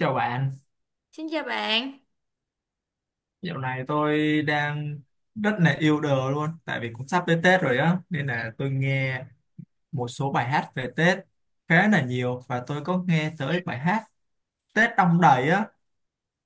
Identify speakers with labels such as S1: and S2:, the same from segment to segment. S1: Chào bạn,
S2: Xin chào bạn,
S1: dạo này tôi đang rất là yêu đời luôn tại vì cũng sắp tới Tết rồi á nên là tôi nghe một số bài hát về Tết khá là nhiều và tôi có nghe tới bài hát Tết Đong Đầy á.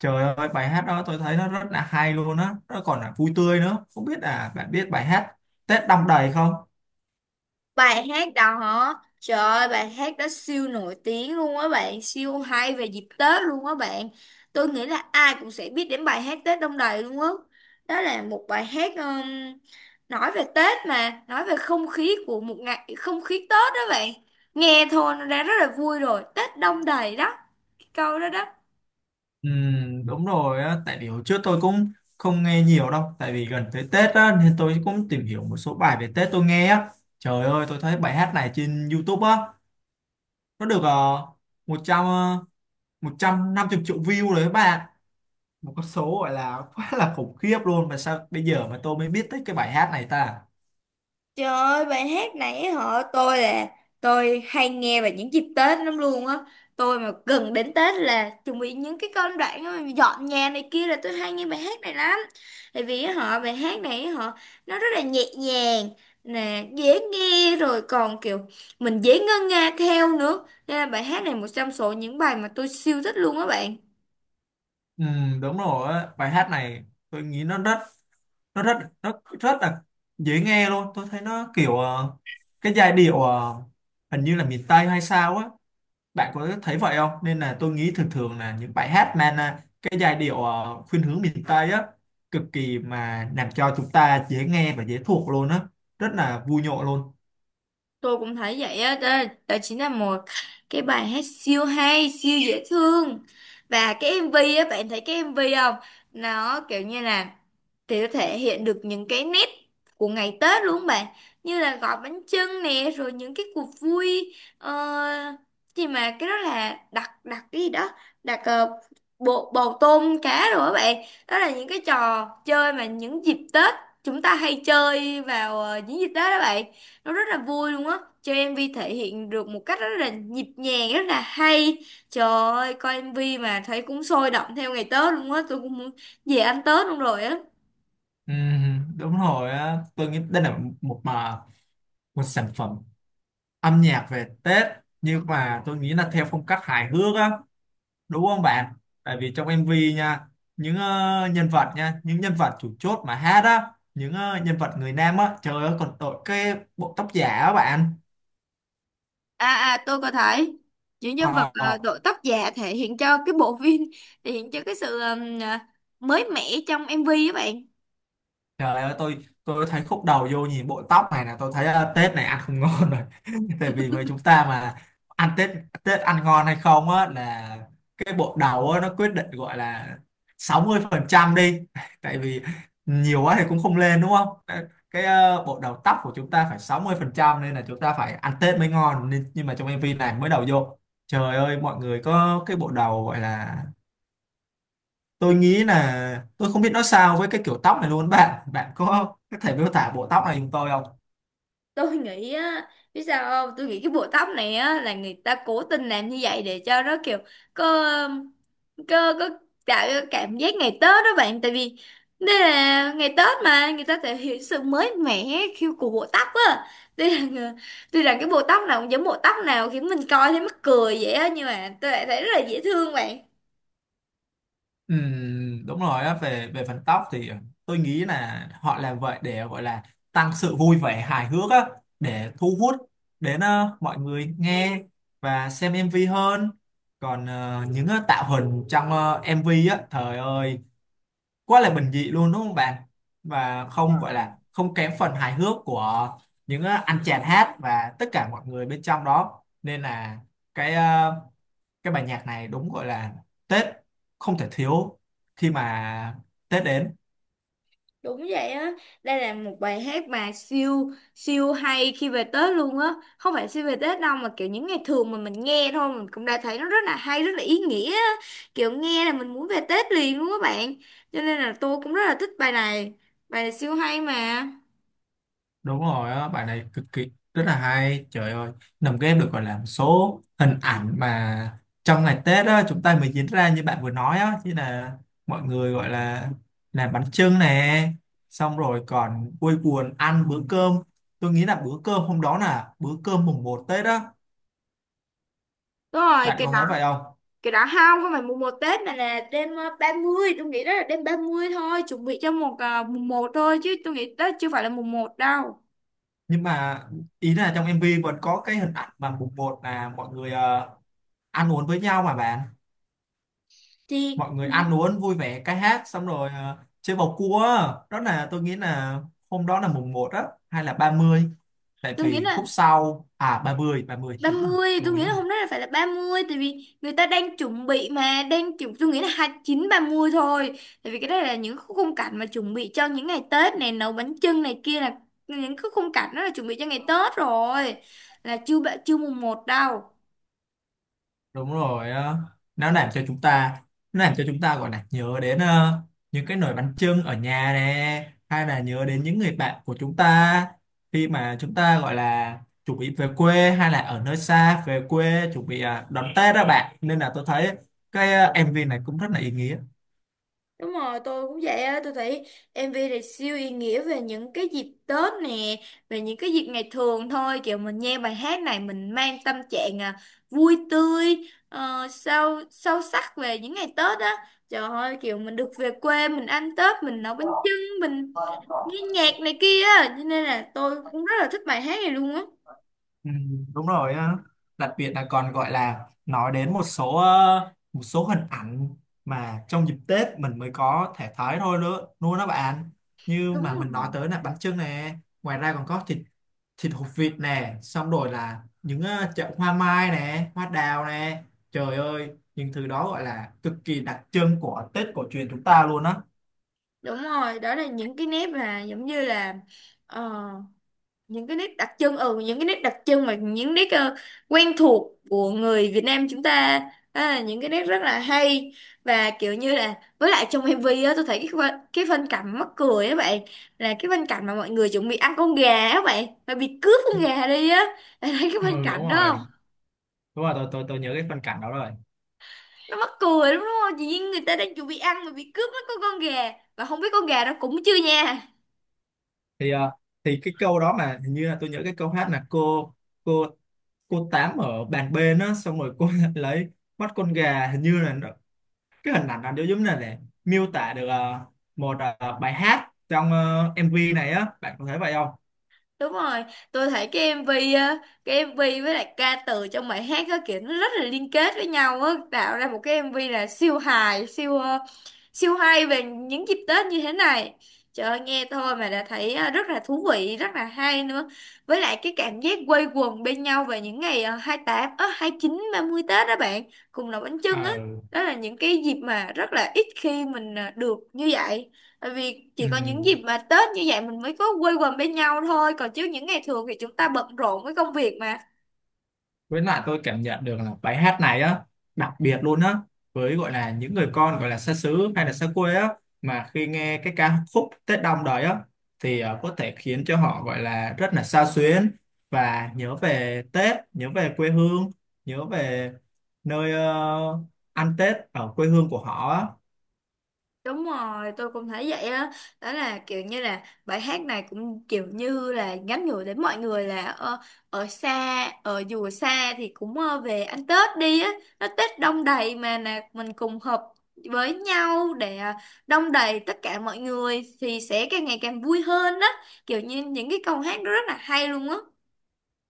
S1: Trời ơi bài hát đó tôi thấy nó rất là hay luôn á, nó còn là vui tươi nữa. Không biết là bạn biết bài hát Tết Đong Đầy không?
S2: bài hát đó hả? Trời ơi, bài hát đó siêu nổi tiếng luôn á bạn, siêu hay về dịp Tết luôn á bạn. Tôi nghĩ là ai cũng sẽ biết đến bài hát Tết Đông Đầy luôn á. Đó là một bài hát nói về Tết mà, nói về không khí của một ngày, không khí Tết đó bạn. Nghe thôi nó đã rất là vui rồi, Tết Đông Đầy đó, cái câu đó đó.
S1: Đúng rồi á, tại vì hồi trước tôi cũng không nghe nhiều đâu, tại vì gần tới Tết á nên tôi cũng tìm hiểu một số bài về Tết tôi nghe á. Trời ơi, tôi thấy bài hát này trên YouTube á, nó được 100 ờ, một trăm năm 150 triệu view đấy các bạn, một con số gọi là quá là khủng khiếp luôn, mà sao bây giờ mà tôi mới biết tới cái bài hát này ta.
S2: Trời ơi, bài hát này á họ tôi là tôi hay nghe vào những dịp Tết lắm luôn á. Tôi mà gần đến Tết là chuẩn bị những cái công đoạn á, dọn nhà này kia là tôi hay nghe bài hát này lắm. Tại vì á họ bài hát này á họ nó rất là nhẹ nhàng nè, dễ nghe rồi còn kiểu mình dễ ngân nga theo nữa. Nên là bài hát này một trong số những bài mà tôi siêu thích luôn á bạn.
S1: Ừ, đúng rồi á, bài hát này tôi nghĩ nó rất nó rất là dễ nghe luôn. Tôi thấy nó kiểu cái giai điệu hình như là miền Tây hay sao á, bạn có thấy vậy không? Nên là tôi nghĩ thường thường là những bài hát mang à, cái giai điệu khuynh hướng miền Tây á, cực kỳ mà làm cho chúng ta dễ nghe và dễ thuộc luôn á, rất là vui nhộn luôn.
S2: Tôi cũng thấy vậy á đó, đó chính là một cái bài hát siêu hay siêu dễ thương và cái MV á bạn thấy cái MV không, nó kiểu như là thì nó thể hiện được những cái nét của ngày Tết luôn bạn, như là gói bánh chưng nè, rồi những cái cuộc vui gì mà cái đó là đặt đặt cái gì đó, đặt bộ bầu tôm cá rồi các bạn. Đó là những cái trò chơi mà những dịp Tết chúng ta hay chơi vào những dịp Tết đó bạn, nó rất là vui luôn á, cho MV thể hiện được một cách rất là nhịp nhàng, rất là hay. Trời ơi, coi MV mà thấy cũng sôi động theo ngày Tết luôn á, tôi cũng muốn về ăn Tết luôn rồi á.
S1: Ừ, đúng rồi á, tôi nghĩ đây là một mà một sản phẩm âm nhạc về Tết, nhưng mà tôi nghĩ là theo phong cách hài hước á, đúng không bạn? Tại vì trong MV nha, những nhân vật nha, những nhân vật chủ chốt mà hát á, những nhân vật người nam á, trời ơi còn đội cái bộ tóc giả á bạn.
S2: À à, tôi có thấy những nhân vật
S1: Ờ,
S2: đội tóc giả thể hiện cho cái bộ phim thể hiện cho cái sự mới mẻ trong MV á bạn.
S1: trời ơi tôi thấy khúc đầu vô nhìn bộ tóc này là tôi thấy Tết này ăn không ngon rồi tại vì với chúng ta mà ăn Tết, Tết ăn ngon hay không á là cái bộ đầu á, nó quyết định gọi là 60 phần trăm đi tại vì nhiều quá thì cũng không lên đúng không? Cái bộ đầu tóc của chúng ta phải 60 phần trăm, nên là chúng ta phải ăn Tết mới ngon. Nên nhưng mà trong MV này mới đầu vô, trời ơi mọi người có cái bộ đầu gọi là, tôi nghĩ là tôi không biết nói sao với cái kiểu tóc này luôn bạn bạn có thể miêu tả bộ tóc này giùm tôi không?
S2: Tôi nghĩ á, biết sao không, tôi nghĩ cái bộ tóc này á là người ta cố tình làm như vậy để cho nó kiểu có có tạo cái cảm giác ngày Tết đó bạn. Tại vì đây là ngày Tết mà người ta thể hiện sự mới mẻ khi của bộ tóc á, đây là người- tuy rằng cái bộ tóc nào cũng giống bộ tóc nào khiến mình coi thấy mắc cười vậy á, nhưng mà tôi lại thấy rất là dễ thương bạn.
S1: Đúng rồi á, về về phần tóc thì tôi nghĩ là họ làm vậy để gọi là tăng sự vui vẻ hài hước á, để thu hút đến mọi người nghe và xem MV hơn. Còn tạo hình trong MV á, trời ơi quá là bình dị luôn đúng không bạn, và không gọi là không kém phần hài hước của những anh chàng hát và tất cả mọi người bên trong đó. Nên là cái ờ, cái bài nhạc này đúng gọi là Tết không thể thiếu khi mà Tết đến.
S2: Đúng vậy á, đây là một bài hát mà siêu siêu hay khi về Tết luôn á. Không phải siêu về Tết đâu mà kiểu những ngày thường mà mình nghe thôi mình cũng đã thấy nó rất là hay, rất là ý nghĩa á. Kiểu nghe là mình muốn về Tết liền luôn các bạn. Cho nên là tôi cũng rất là thích bài này. Bài này siêu hay mà.
S1: Đúng rồi á, bài này cực kỳ rất là hay. Trời ơi, nằm game được gọi là một số hình ảnh mà trong ngày Tết á, chúng ta mới diễn ra như bạn vừa nói á, như là mọi người gọi là làm bánh chưng nè, xong rồi còn vui buồn ăn bữa cơm. Tôi nghĩ là bữa cơm hôm đó là bữa cơm mùng một Tết á,
S2: Đúng rồi,
S1: bạn có thấy vậy không?
S2: cái đó không, không phải mùng một Tết mà là đêm ba mươi, tôi nghĩ đó là đêm 30 thôi, chuẩn bị cho một mùng một thôi, chứ tôi nghĩ Tết chưa phải là mùng một đâu.
S1: Nhưng mà ý là trong MV vẫn có cái hình ảnh mà mùng một là mọi người ăn uống với nhau mà bạn.
S2: Thì
S1: Mọi
S2: ừ,
S1: người ăn uống vui vẻ ca hát xong rồi chơi bầu cua á. Đó là tôi nghĩ là hôm đó là mùng một á hay là 30, tại
S2: tôi nghĩ
S1: vì khúc
S2: là
S1: sau à ba mươi
S2: ba
S1: đúng rồi
S2: mươi,
S1: tôi
S2: tôi
S1: nghĩ
S2: nghĩ là
S1: là
S2: hôm nay là phải là ba mươi, tại vì người ta đang chuẩn bị mà đang chuẩn, tôi nghĩ là hai mươi chín, ba mươi thôi. Tại vì cái đây là những khu khung cảnh mà chuẩn bị cho những ngày Tết này, nấu bánh chưng này kia là những cái khung cảnh đó là chuẩn bị cho ngày Tết rồi. Là chưa ba- chưa mùng một đâu.
S1: đúng rồi. Ờ, nó làm cho chúng ta, nó làm cho chúng ta gọi là nhớ đến những cái nồi bánh chưng ở nhà nè, hay là nhớ đến những người bạn của chúng ta khi mà chúng ta gọi là chuẩn bị về quê hay là ở nơi xa về quê chuẩn bị à, đón Tết đó bạn. Nên là tôi thấy MV này cũng rất là ý nghĩa.
S2: Đúng rồi, tôi cũng vậy á, tôi thấy MV này siêu ý nghĩa về những cái dịp Tết nè, về những cái dịp ngày thường thôi, kiểu mình nghe bài hát này mình mang tâm trạng à, vui tươi, sâu sâu sắc về những ngày Tết á. Trời ơi, kiểu mình được về quê, mình ăn Tết, mình nấu bánh chưng, mình nghe nhạc này kia á, cho nên là tôi cũng rất là thích bài hát này luôn á.
S1: Ừ, đúng rồi á, đặc biệt là còn gọi là nói đến một số một số hình ảnh mà trong dịp Tết mình mới có thể thấy thôi nữa luôn đó bạn, như
S2: Đúng
S1: mà mình nói
S2: rồi.
S1: tới là bánh chưng nè, ngoài ra còn có thịt thịt hột vịt nè, xong rồi là những chậu hoa mai nè, hoa đào nè, trời ơi những thứ đó gọi là cực kỳ đặc trưng của Tết cổ truyền chúng ta luôn á.
S2: Đúng rồi, đó là những cái nét mà giống như là ờ, những cái nét đặc trưng, ừ, những cái nét đặc trưng mà những nét quen thuộc của người Việt Nam chúng ta. Đó là những cái nét rất là hay và kiểu như là với lại trong MV á tôi thấy cái phân cảnh mắc cười á bạn, là cái phân cảnh mà mọi người chuẩn bị ăn con gà á bạn mà bị cướp con gà đi á bạn thấy cái phân
S1: Ừ đúng
S2: cảnh đó
S1: rồi,
S2: không?
S1: đúng rồi tôi nhớ cái phân cảnh đó rồi.
S2: Nó mắc cười lắm đúng không, chỉ như người ta đang chuẩn bị ăn mà bị cướp mất con gà, và không biết con gà đó cũng chưa nha.
S1: thì ờ, thì cái câu đó mà hình như là tôi nhớ cái câu hát là cô cô tám ở bàn bên á, xong rồi cô lấy mắt con gà, hình như là nó, cái hình ảnh nó giống như là để miêu tả được một bài hát trong MV này á, bạn có thấy vậy không?
S2: Đúng rồi, tôi thấy cái MV á, cái MV với lại ca từ trong bài hát á kiểu nó rất là liên kết với nhau á, tạo ra một cái MV là siêu hài, siêu siêu hay về những dịp Tết như thế này. Trời ơi, nghe thôi mà đã thấy rất là thú vị, rất là hay nữa. Với lại cái cảm giác quây quần bên nhau về những ngày 28, hai chín, ba mươi Tết đó bạn, cùng nấu bánh chưng á.
S1: Ờ,
S2: Đó là những cái dịp mà rất là ít khi mình được như vậy. Tại vì
S1: ừ.
S2: chỉ có những dịp mà Tết như vậy mình mới có quây quần bên nhau thôi. Còn chứ những ngày thường thì chúng ta bận rộn với công việc mà.
S1: Với lại tôi cảm nhận được là bài hát này á đặc biệt luôn á với gọi là những người con gọi là xa xứ hay là xa quê á, mà khi nghe cái ca khúc Tết Đong Đầy á thì có thể khiến cho họ gọi là rất là xao xuyến và nhớ về Tết, nhớ về quê hương, nhớ về nơi ăn Tết ở quê hương của họ á.
S2: Đúng rồi, tôi cũng thấy vậy á. Đó là kiểu như là bài hát này cũng kiểu như là nhắn nhủ đến mọi người là ở xa, ở dù ở xa thì cũng về ăn Tết đi á. Nó Tết đông đầy mà, là mình cùng hợp với nhau để đông đầy tất cả mọi người thì sẽ càng ngày càng vui hơn á. Kiểu như những cái câu hát đó rất là hay luôn á.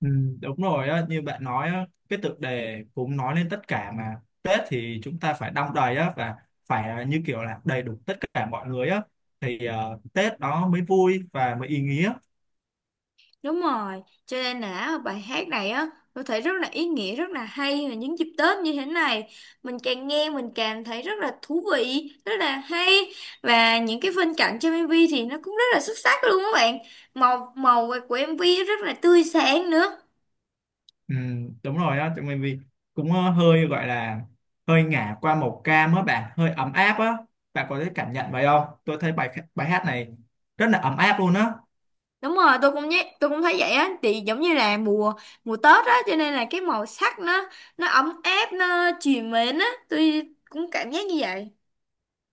S1: Ừ, đúng rồi á, như bạn nói á, cái tựa đề cũng nói lên tất cả, mà Tết thì chúng ta phải đong đầy á, và phải à, như kiểu là đầy đủ tất cả mọi người á thì Tết nó mới vui và mới ý nghĩa.
S2: Đúng rồi, cho nên là bài hát này á, tôi thấy rất là ý nghĩa, rất là hay và những dịp Tết như thế này, mình càng nghe mình càng thấy rất là thú vị, rất là hay và những cái phân cảnh trong MV thì nó cũng rất là xuất sắc luôn các bạn. Màu màu của MV rất là tươi sáng nữa.
S1: Ừ, đúng rồi á, mình vì cũng hơi gọi là hơi ngả qua màu cam á bạn, hơi ấm áp á. Bạn có thể cảm nhận vậy không? Tôi thấy bài bài hát này rất là ấm áp luôn á.
S2: Đúng rồi, tôi cũng nhé, tôi cũng thấy vậy á, thì giống như là mùa mùa Tết á, cho nên là cái màu sắc nó ấm áp, nó trìu mến á, tôi cũng cảm giác như vậy.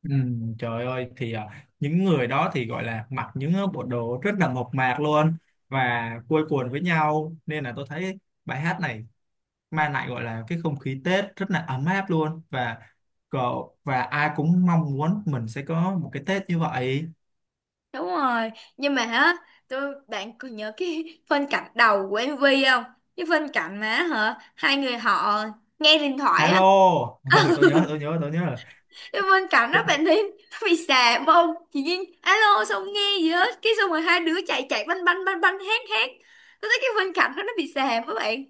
S1: Ừ, trời ơi thì à, những người đó thì gọi là mặc những bộ đồ rất là mộc mạc luôn và quây quần với nhau, nên là tôi thấy bài hát này mang lại gọi là cái không khí Tết rất là ấm áp luôn, và cậu và ai cũng mong muốn mình sẽ có một cái Tết như vậy.
S2: Đúng rồi, nhưng mà á, tôi bạn còn nhớ cái phân cảnh đầu của MV không? Cái phân cảnh mà hả, hai người họ nghe điện thoại
S1: Alo
S2: á,
S1: ừ, tôi nhớ rồi.
S2: cái phân cảnh đó bạn thấy nó bị xàm không? Chị Duyên alo xong nghe gì hết, cái xong rồi hai đứa chạy chạy banh banh banh banh hét hét. Tôi thấy cái phân cảnh đó nó bị xàm các bạn.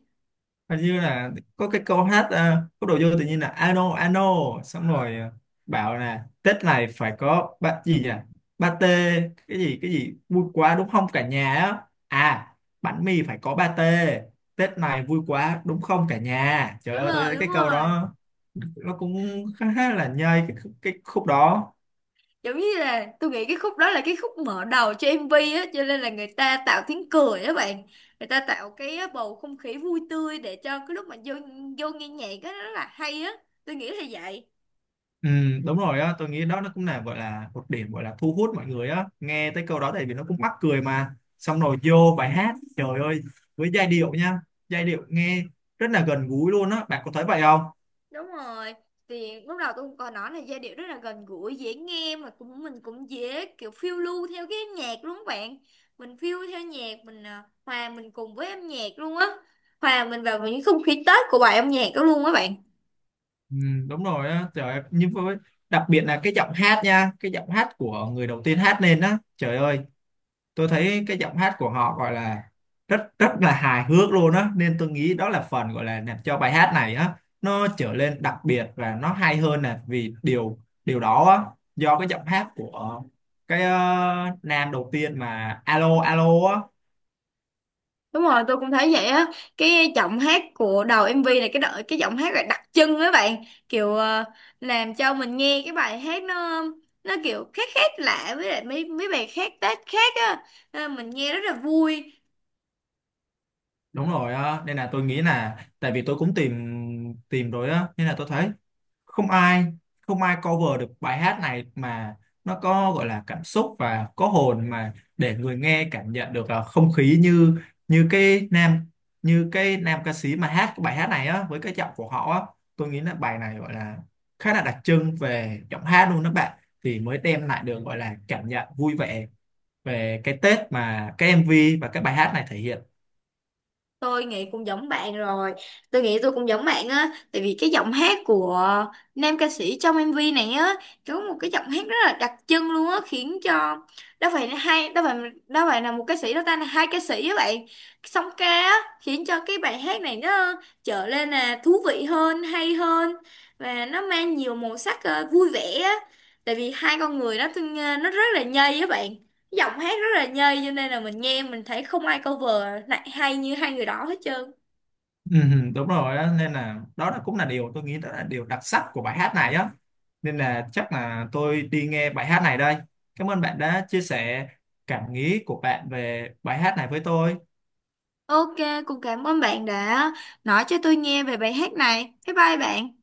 S1: Hình như là có cái câu hát có đồ vô tự nhiên là ano ano, xong rồi bảo là Tết này phải có ba gì nhỉ, pate, cái gì vui quá đúng không cả nhà á, à bánh mì phải có pate, Tết này vui quá đúng không cả nhà. Trời
S2: Đúng
S1: ơi tôi
S2: rồi,
S1: thấy
S2: đúng
S1: cái câu
S2: rồi.
S1: đó nó cũng khá là nhây cái khúc đó.
S2: Giống như là tôi nghĩ cái khúc đó là cái khúc mở đầu cho MV á, cho nên là người ta tạo tiếng cười á bạn, người ta tạo cái bầu không khí vui tươi để cho cái lúc mà vô vô nghe nhạc á nó rất là hay á, tôi nghĩ là vậy.
S1: Ừ, đúng rồi á, tôi nghĩ đó nó cũng là gọi là một điểm gọi là thu hút mọi người á. Nghe tới câu đó tại vì nó cũng mắc cười mà. Xong rồi vô bài hát, trời ơi, với giai điệu nha, giai điệu nghe rất là gần gũi luôn á, bạn có thấy vậy không?
S2: Đúng rồi, thì lúc đầu tôi cũng có nói là giai điệu rất là gần gũi dễ nghe, mà cũng mình cũng dễ kiểu phiêu lưu theo cái nhạc luôn á bạn, mình phiêu theo nhạc mình à, hòa mình cùng với âm nhạc luôn á, hòa mình vào những không khí Tết của bài âm nhạc đó luôn á bạn.
S1: Ừ, đúng rồi á, trời ơi, nhưng với đặc biệt là cái giọng hát nha, cái giọng hát của người đầu tiên hát lên á, trời ơi. Tôi thấy cái giọng hát của họ gọi là rất rất là hài hước luôn á, nên tôi nghĩ đó là phần gọi là làm cho bài hát này á nó trở lên đặc biệt và nó hay hơn nè, vì điều điều đó á, do cái giọng hát của nam đầu tiên mà alo alo á.
S2: Đúng rồi, tôi cũng thấy vậy á. Cái giọng hát của đầu MV này cái đợi cái giọng hát là đặc trưng á bạn, kiểu làm cho mình nghe cái bài hát nó kiểu khác khác lạ với lại mấy mấy bài khác Tết khác á. Nên là mình nghe rất là vui.
S1: Đúng rồi á, nên là tôi nghĩ là tại vì tôi cũng tìm tìm rồi á, nên là tôi thấy không ai không ai cover được bài hát này mà nó có gọi là cảm xúc và có hồn mà để người nghe cảm nhận được là không khí như như cái nam như cái nam ca sĩ mà hát cái bài hát này á với cái giọng của họ á. Tôi nghĩ là bài này gọi là khá là đặc trưng về giọng hát luôn đó bạn, thì mới đem lại được gọi là cảm nhận vui vẻ về cái Tết mà cái MV và cái bài hát này thể hiện.
S2: Tôi nghĩ cũng giống bạn rồi, tôi nghĩ tôi cũng giống bạn á, tại vì cái giọng hát của nam ca sĩ trong MV này á có một cái giọng hát rất là đặc trưng luôn á, khiến cho đó phải là hai, đó phải, đó phải là một ca sĩ đó ta là hai ca sĩ á bạn, song ca á, khiến cho cái bài hát này nó trở lên là thú vị hơn hay hơn, và nó mang nhiều màu sắc vui vẻ á, tại vì hai con người đó nó rất là nhây á bạn, giọng hát rất là nhây, cho nên là mình nghe mình thấy không ai cover lại hay như hai người đó hết trơn.
S1: Ừ, ừ, đúng rồi đó, nên là đó là cũng là điều tôi nghĩ đó là điều đặc sắc của bài hát này á, nên là chắc là tôi đi nghe bài hát này đây. Cảm ơn bạn đã chia sẻ cảm nghĩ của bạn về bài hát này với tôi.
S2: Ok, cũng cảm ơn bạn đã nói cho tôi nghe về bài hát này. Bye bye bạn.